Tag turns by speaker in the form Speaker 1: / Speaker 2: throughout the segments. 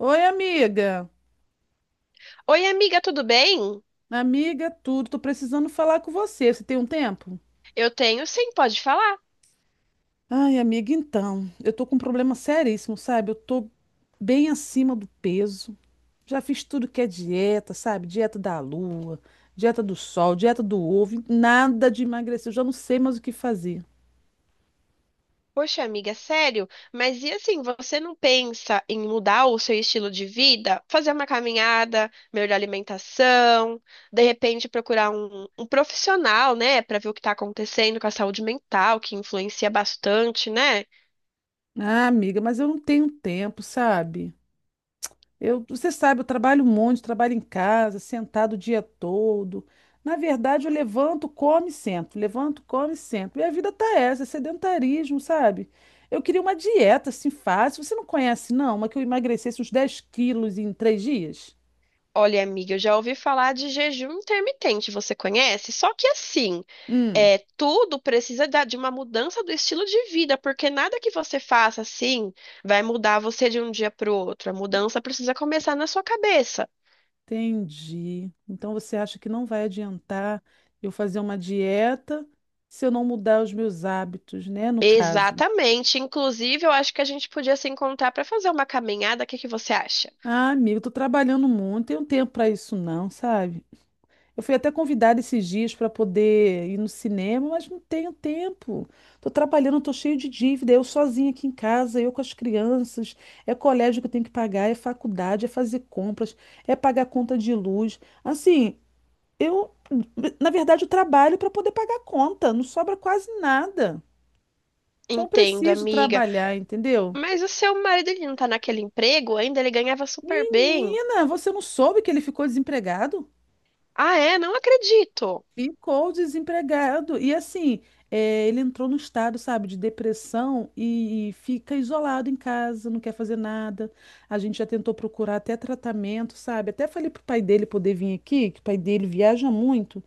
Speaker 1: Oi, amiga.
Speaker 2: Oi, amiga, tudo bem?
Speaker 1: Amiga, tudo. Tô precisando falar com você. Você tem um tempo?
Speaker 2: Eu tenho sim, pode falar.
Speaker 1: Ai, amiga, então. Eu tô com um problema seríssimo, sabe? Eu tô bem acima do peso. Já fiz tudo que é dieta, sabe? Dieta da lua, dieta do sol, dieta do ovo. Nada de emagrecer. Eu já não sei mais o que fazer.
Speaker 2: Poxa, amiga, sério? Mas e assim, você não pensa em mudar o seu estilo de vida? Fazer uma caminhada, melhorar a alimentação, de repente procurar um profissional, né, para ver o que está acontecendo com a saúde mental, que influencia bastante, né?
Speaker 1: Ah, amiga, mas eu não tenho tempo, sabe? Eu, você sabe, eu trabalho um monte, trabalho em casa, sentado o dia todo. Na verdade, eu levanto, como e sento, levanto, como e sento. Minha vida tá essa, é sedentarismo, sabe? Eu queria uma dieta assim fácil. Você não conhece, não? Uma que eu emagrecesse uns 10 quilos em 3 dias?
Speaker 2: Olha, amiga, eu já ouvi falar de jejum intermitente, você conhece? Só que assim,
Speaker 1: Hum,
Speaker 2: é, tudo precisa de uma mudança do estilo de vida, porque nada que você faça assim vai mudar você de um dia para o outro. A mudança precisa começar na sua cabeça.
Speaker 1: entendi. Então você acha que não vai adiantar eu fazer uma dieta se eu não mudar os meus hábitos, né? No caso.
Speaker 2: Exatamente. Inclusive, eu acho que a gente podia se encontrar para fazer uma caminhada. O que que você acha?
Speaker 1: Ah, amigo, tô trabalhando muito, não tenho tempo para isso, não, sabe? Eu fui até convidada esses dias para poder ir no cinema, mas não tenho tempo. Tô trabalhando, tô cheio de dívida, eu sozinha aqui em casa, eu com as crianças. É colégio que eu tenho que pagar, é faculdade, é fazer compras, é pagar conta de luz. Assim, eu, na verdade, eu trabalho para poder pagar conta, não sobra quase nada. Então eu
Speaker 2: Entendo,
Speaker 1: preciso
Speaker 2: amiga.
Speaker 1: trabalhar, entendeu?
Speaker 2: Mas o seu marido ele não tá naquele emprego ainda? Ele ganhava super bem.
Speaker 1: Menina, você não soube que ele ficou desempregado?
Speaker 2: Ah, é? Não acredito.
Speaker 1: Ficou desempregado. E assim, ele entrou num estado, sabe, de depressão e fica isolado em casa, não quer fazer nada. A gente já tentou procurar até tratamento, sabe? Até falei pro pai dele poder vir aqui, que o pai dele viaja muito.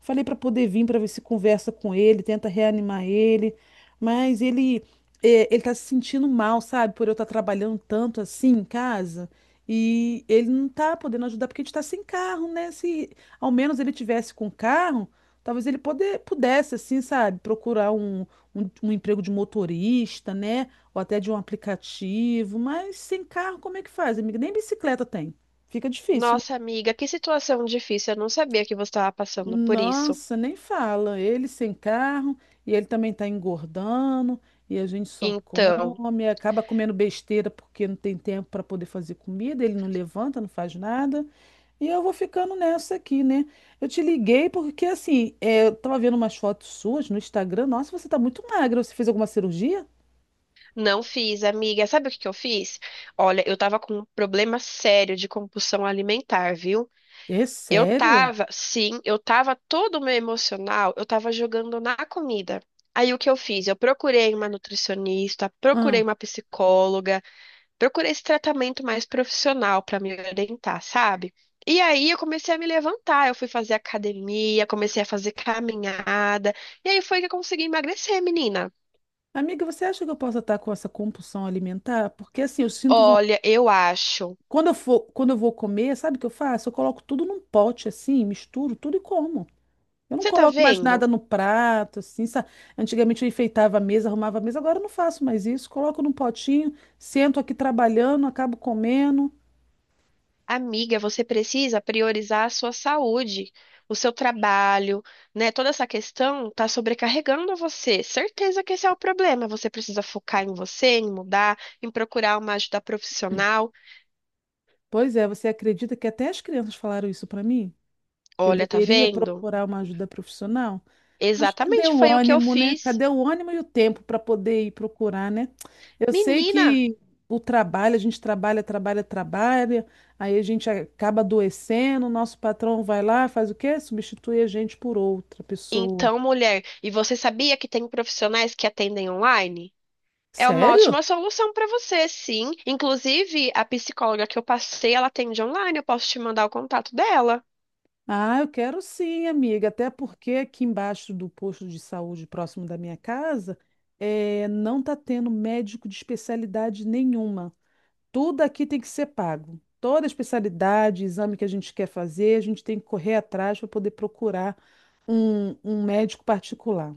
Speaker 1: Falei para poder vir para ver se conversa com ele, tenta reanimar ele. Mas ele tá se sentindo mal, sabe, por eu estar trabalhando tanto assim em casa. E ele não tá podendo ajudar porque a gente tá sem carro, né? Se ao menos ele tivesse com carro, talvez ele pudesse, assim, sabe, procurar um emprego de motorista, né? Ou até de um aplicativo. Mas sem carro, como é que faz, amiga? Nem bicicleta tem. Fica difícil, né?
Speaker 2: Nossa, amiga, que situação difícil. Eu não sabia que você estava passando por isso.
Speaker 1: Nossa, nem fala. Ele sem carro e ele também tá engordando e a gente só
Speaker 2: Então.
Speaker 1: come, acaba comendo besteira porque não tem tempo para poder fazer comida, ele não levanta, não faz nada. E eu vou ficando nessa aqui, né? Eu te liguei porque, assim, eu tava vendo umas fotos suas no Instagram. Nossa, você tá muito magra. Você fez alguma cirurgia?
Speaker 2: Não fiz, amiga. Sabe o que que eu fiz? Olha, eu tava com um problema sério de compulsão alimentar, viu?
Speaker 1: É
Speaker 2: Eu
Speaker 1: sério?
Speaker 2: tava, sim, eu tava todo o meu emocional, eu tava jogando na comida. Aí o que eu fiz? Eu procurei uma nutricionista, procurei
Speaker 1: Ah.
Speaker 2: uma psicóloga, procurei esse tratamento mais profissional pra me orientar, sabe? E aí eu comecei a me levantar, eu fui fazer academia, comecei a fazer caminhada, e aí foi que eu consegui emagrecer, menina.
Speaker 1: Amiga, você acha que eu posso estar com essa compulsão alimentar? Porque, assim, eu sinto vontade.
Speaker 2: Olha, eu acho.
Speaker 1: Quando eu vou comer, sabe o que eu faço? Eu coloco tudo num pote, assim, misturo tudo e como. Eu não
Speaker 2: Você tá
Speaker 1: coloco mais
Speaker 2: vendo?
Speaker 1: nada no prato, assim, sabe? Antigamente eu enfeitava a mesa, arrumava a mesa, agora eu não faço mais isso. Coloco num potinho, sento aqui trabalhando, acabo comendo.
Speaker 2: Amiga, você precisa priorizar a sua saúde, o seu trabalho, né? Toda essa questão tá sobrecarregando você. Certeza que esse é o problema. Você precisa focar em você, em mudar, em procurar uma ajuda profissional.
Speaker 1: Pois é, você acredita que até as crianças falaram isso para mim? Que eu
Speaker 2: Olha, tá
Speaker 1: deveria
Speaker 2: vendo?
Speaker 1: procurar uma ajuda profissional? Mas cadê
Speaker 2: Exatamente
Speaker 1: o
Speaker 2: foi o que eu
Speaker 1: ânimo, né?
Speaker 2: fiz.
Speaker 1: Cadê o ânimo e o tempo para poder ir procurar, né? Eu sei
Speaker 2: Menina,
Speaker 1: que o trabalho, a gente trabalha, trabalha, trabalha, aí a gente acaba adoecendo, o nosso patrão vai lá, faz o quê? Substitui a gente por outra pessoa.
Speaker 2: então mulher, e você sabia que tem profissionais que atendem online? É uma ótima
Speaker 1: Sério?
Speaker 2: solução para você, sim. Inclusive, a psicóloga que eu passei, ela atende online. Eu posso te mandar o contato dela.
Speaker 1: Ah, eu quero sim, amiga. Até porque aqui embaixo do posto de saúde próximo da minha casa, não está tendo médico de especialidade nenhuma. Tudo aqui tem que ser pago. Toda especialidade, exame que a gente quer fazer, a gente tem que correr atrás para poder procurar um médico particular.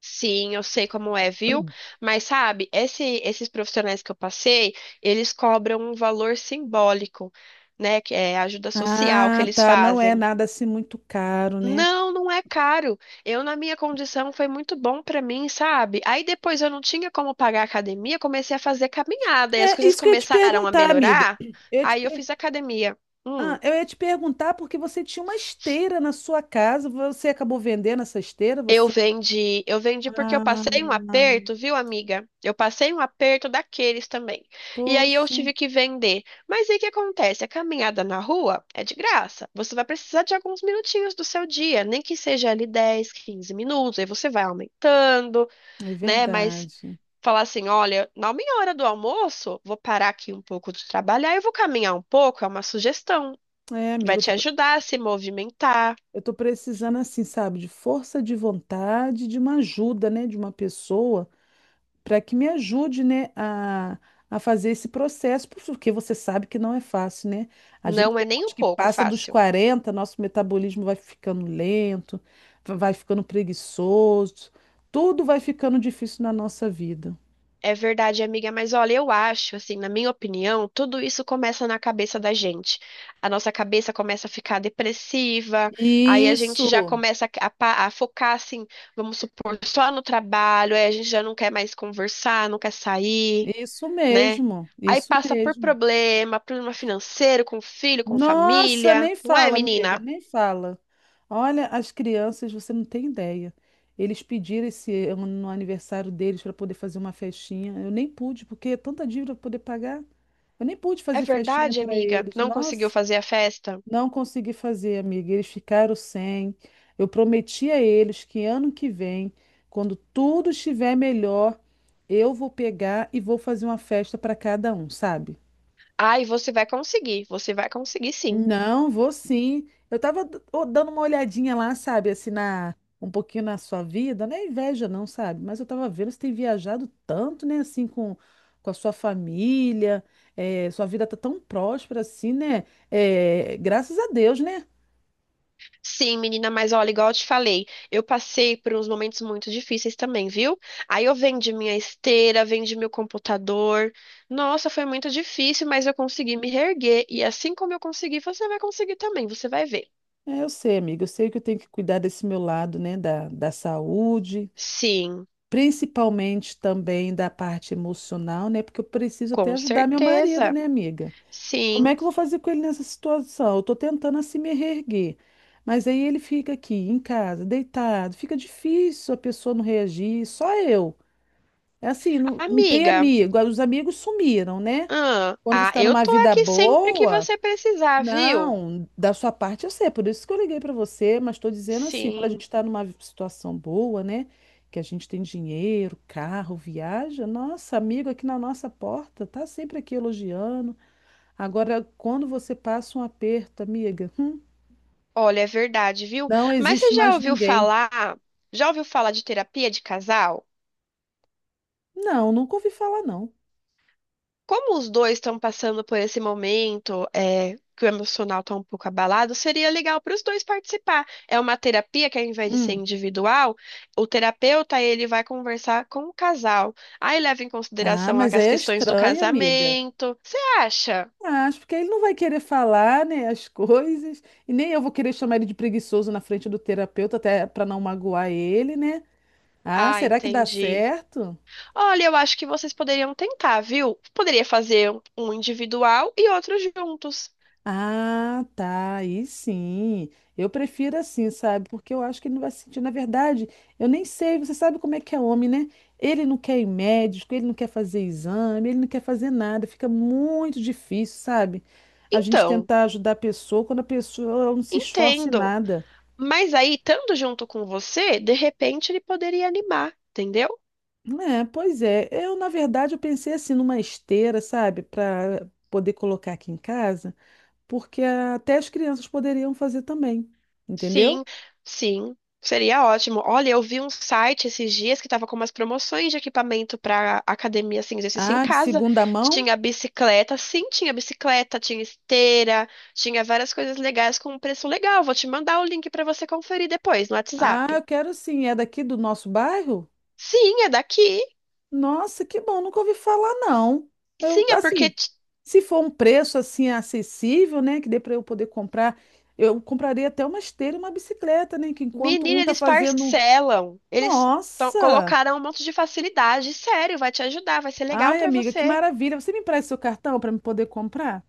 Speaker 2: Sim, eu sei como é, viu? Mas sabe, esses profissionais que eu passei, eles cobram um valor simbólico, né? Que é a ajuda social que
Speaker 1: Ah,
Speaker 2: eles
Speaker 1: tá. Não é
Speaker 2: fazem.
Speaker 1: nada assim muito caro, né?
Speaker 2: Não, não é caro. Eu, na minha condição, foi muito bom pra mim, sabe? Aí depois eu não tinha como pagar a academia, comecei a fazer caminhada e as
Speaker 1: É
Speaker 2: coisas
Speaker 1: isso que eu ia te
Speaker 2: começaram a
Speaker 1: perguntar, amiga.
Speaker 2: melhorar.
Speaker 1: Ia te
Speaker 2: Aí eu fiz academia. Hum.
Speaker 1: eu ia te perguntar porque você tinha uma esteira na sua casa, você acabou vendendo essa esteira, você.
Speaker 2: Eu vendi porque eu
Speaker 1: Ah,
Speaker 2: passei um aperto, viu, amiga? Eu passei um aperto daqueles também. E aí eu
Speaker 1: poxa,
Speaker 2: tive que vender. Mas aí o que acontece? A caminhada na rua é de graça. Você vai precisar de alguns minutinhos do seu dia, nem que seja ali 10, 15 minutos. Aí você vai aumentando,
Speaker 1: é
Speaker 2: né? Mas
Speaker 1: verdade.
Speaker 2: falar assim, olha, na minha hora do almoço, vou parar aqui um pouco de trabalhar e vou caminhar um pouco, é uma sugestão.
Speaker 1: É, amiga,
Speaker 2: Vai
Speaker 1: eu
Speaker 2: te
Speaker 1: tô, pre-
Speaker 2: ajudar a se movimentar.
Speaker 1: eu tô precisando, assim, sabe, de força de vontade, de uma ajuda, né, de uma pessoa para que me ajude, né, a fazer esse processo, porque você sabe que não é fácil, né? A gente,
Speaker 2: Não é nem um
Speaker 1: depois que
Speaker 2: pouco
Speaker 1: passa dos
Speaker 2: fácil.
Speaker 1: 40, nosso metabolismo vai ficando lento, vai ficando preguiçoso, tudo vai ficando difícil na nossa vida.
Speaker 2: É verdade, amiga, mas olha, eu acho, assim, na minha opinião, tudo isso começa na cabeça da gente. A nossa cabeça começa a ficar depressiva, aí a gente
Speaker 1: Isso,
Speaker 2: já começa a, a focar, assim, vamos supor, só no trabalho, aí a gente já não quer mais conversar, não quer sair,
Speaker 1: isso
Speaker 2: né?
Speaker 1: mesmo,
Speaker 2: Aí
Speaker 1: isso
Speaker 2: passa por
Speaker 1: mesmo.
Speaker 2: problema, problema financeiro, com filho, com
Speaker 1: Nossa,
Speaker 2: família,
Speaker 1: nem
Speaker 2: não é,
Speaker 1: fala, amiga,
Speaker 2: menina?
Speaker 1: nem fala. Olha, as crianças, você não tem ideia. Eles pediram esse ano no aniversário deles para poder fazer uma festinha. Eu nem pude, porque é tanta dívida para poder pagar. Eu nem pude
Speaker 2: É
Speaker 1: fazer festinha
Speaker 2: verdade,
Speaker 1: para
Speaker 2: amiga,
Speaker 1: eles.
Speaker 2: não conseguiu
Speaker 1: Nossa,
Speaker 2: fazer a festa?
Speaker 1: não consegui fazer, amiga. Eles ficaram sem. Eu prometi a eles que ano que vem, quando tudo estiver melhor, eu vou pegar e vou fazer uma festa para cada um, sabe?
Speaker 2: Ai, você vai conseguir sim.
Speaker 1: Não, vou sim. Eu tava dando uma olhadinha lá, sabe, assim, um pouquinho na sua vida, não é inveja não, sabe? Mas eu tava vendo, você tem viajado tanto, né, assim, com a sua família, é, sua vida tá tão próspera assim, né? É, graças a Deus, né?
Speaker 2: Sim, menina, mas olha, igual eu te falei, eu passei por uns momentos muito difíceis também, viu? Aí eu vendi minha esteira, vendi meu computador. Nossa, foi muito difícil, mas eu consegui me reerguer. E assim como eu consegui, você vai conseguir também, você vai ver.
Speaker 1: É, eu sei, amiga, eu sei que eu tenho que cuidar desse meu lado, né, da saúde,
Speaker 2: Sim,
Speaker 1: principalmente também da parte emocional, né, porque eu preciso até
Speaker 2: com
Speaker 1: ajudar meu marido,
Speaker 2: certeza.
Speaker 1: né, amiga?
Speaker 2: Sim,
Speaker 1: Como é que eu vou fazer com ele nessa situação? Eu tô tentando assim me reerguer. Mas aí ele fica aqui em casa, deitado. Fica difícil a pessoa não reagir, só eu. É assim, não, não tem
Speaker 2: amiga.
Speaker 1: amigo. Os amigos sumiram, né?
Speaker 2: Ah,
Speaker 1: Quando você
Speaker 2: ah,
Speaker 1: tá
Speaker 2: eu
Speaker 1: numa
Speaker 2: tô
Speaker 1: vida
Speaker 2: aqui sempre que
Speaker 1: boa,
Speaker 2: você precisar, viu?
Speaker 1: não, da sua parte eu sei, por isso que eu liguei pra você, mas tô dizendo assim, quando a
Speaker 2: Sim,
Speaker 1: gente tá numa situação boa, né? Que a gente tem dinheiro, carro, viaja, nossa, amigo aqui na nossa porta, tá sempre aqui elogiando. Agora, quando você passa um aperto, amiga,
Speaker 2: olha, é verdade, viu?
Speaker 1: não
Speaker 2: Mas você
Speaker 1: existe mais ninguém.
Speaker 2: já ouviu falar de terapia de casal?
Speaker 1: Não, nunca ouvi falar, não.
Speaker 2: Como os dois estão passando por esse momento, é, que o emocional está um pouco abalado, seria legal para os dois participar. É uma terapia que, ao invés de ser
Speaker 1: Hum.
Speaker 2: individual, o terapeuta ele vai conversar com o casal. Aí leva em
Speaker 1: Ah,
Speaker 2: consideração
Speaker 1: mas
Speaker 2: as
Speaker 1: aí é
Speaker 2: questões do
Speaker 1: estranho, amiga.
Speaker 2: casamento. Você acha?
Speaker 1: Acho, porque ele não vai querer falar, né, as coisas, e nem eu vou querer chamar ele de preguiçoso na frente do terapeuta, até para não magoar ele, né? Ah,
Speaker 2: Ah,
Speaker 1: será que dá
Speaker 2: entendi.
Speaker 1: certo?
Speaker 2: Olha, eu acho que vocês poderiam tentar, viu? Poderia fazer um individual e outro juntos.
Speaker 1: Ah, tá, aí sim. Eu prefiro assim, sabe? Porque eu acho que ele não vai se sentir. Na verdade, eu nem sei, você sabe como é que é homem, né? Ele não quer ir médico, ele não quer fazer exame, ele não quer fazer nada. Fica muito difícil, sabe? A gente
Speaker 2: Então,
Speaker 1: tentar ajudar a pessoa quando a pessoa não se esforça em
Speaker 2: entendo.
Speaker 1: nada.
Speaker 2: Mas aí, estando junto com você, de repente ele poderia animar, entendeu?
Speaker 1: É, pois é. Na verdade, eu pensei assim numa esteira, sabe? Para poder colocar aqui em casa, porque até as crianças poderiam fazer também, entendeu?
Speaker 2: Sim, sim, seria ótimo. Olha, eu vi um site esses dias que estava com umas promoções de equipamento para academia, assim, exercício em
Speaker 1: Ah, de
Speaker 2: casa.
Speaker 1: segunda mão?
Speaker 2: Tinha bicicleta, sim, tinha bicicleta, tinha esteira, tinha várias coisas legais com um preço legal. Vou te mandar o link para você conferir depois no
Speaker 1: Ah, eu
Speaker 2: WhatsApp.
Speaker 1: quero sim. É daqui do nosso bairro?
Speaker 2: Sim, é daqui.
Speaker 1: Nossa, que bom, nunca ouvi falar, não. Eu,
Speaker 2: Sim, é porque
Speaker 1: assim, se for um preço assim acessível, né, que dê para eu poder comprar, eu compraria até uma esteira e uma bicicleta, né, que enquanto um
Speaker 2: menina,
Speaker 1: tá
Speaker 2: eles
Speaker 1: fazendo.
Speaker 2: parcelam. Eles
Speaker 1: Nossa!
Speaker 2: colocaram um monte de facilidade. Sério, vai te ajudar, vai ser legal
Speaker 1: Ai,
Speaker 2: pra
Speaker 1: amiga, que
Speaker 2: você.
Speaker 1: maravilha. Você me empresta seu cartão para me poder comprar?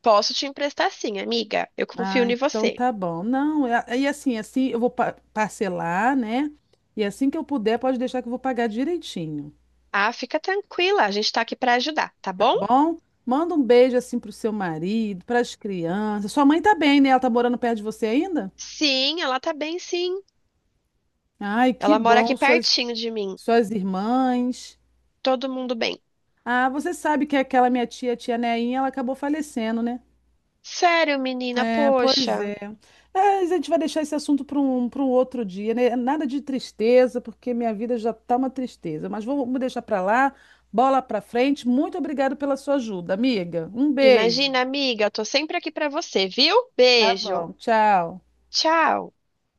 Speaker 2: Posso te emprestar sim, amiga. Eu confio
Speaker 1: Ah,
Speaker 2: em
Speaker 1: então
Speaker 2: você.
Speaker 1: tá bom. Não, e assim eu vou parcelar, né? E assim que eu puder, pode deixar que eu vou pagar direitinho.
Speaker 2: Ah, fica tranquila, a gente tá aqui pra ajudar, tá
Speaker 1: Tá
Speaker 2: bom?
Speaker 1: bom? Manda um beijo assim pro seu marido, pras crianças. Sua mãe tá bem, né? Ela tá morando perto de você ainda?
Speaker 2: Sim, ela tá bem, sim.
Speaker 1: Ai, que
Speaker 2: Ela mora aqui
Speaker 1: bom, suas,
Speaker 2: pertinho de mim.
Speaker 1: suas irmãs.
Speaker 2: Todo mundo bem.
Speaker 1: Ah, você sabe que aquela minha tia, tia Neinha, ela acabou falecendo, né?
Speaker 2: Sério, menina,
Speaker 1: É, pois
Speaker 2: poxa.
Speaker 1: é. É, a gente vai deixar esse assunto para um outro dia, né? Nada de tristeza, porque minha vida já tá uma tristeza. Mas vamos deixar para lá, bola para frente. Muito obrigada pela sua ajuda, amiga. Um beijo.
Speaker 2: Imagina, amiga, eu tô sempre aqui pra você, viu?
Speaker 1: Tá
Speaker 2: Beijo.
Speaker 1: bom, tchau.
Speaker 2: Tchau.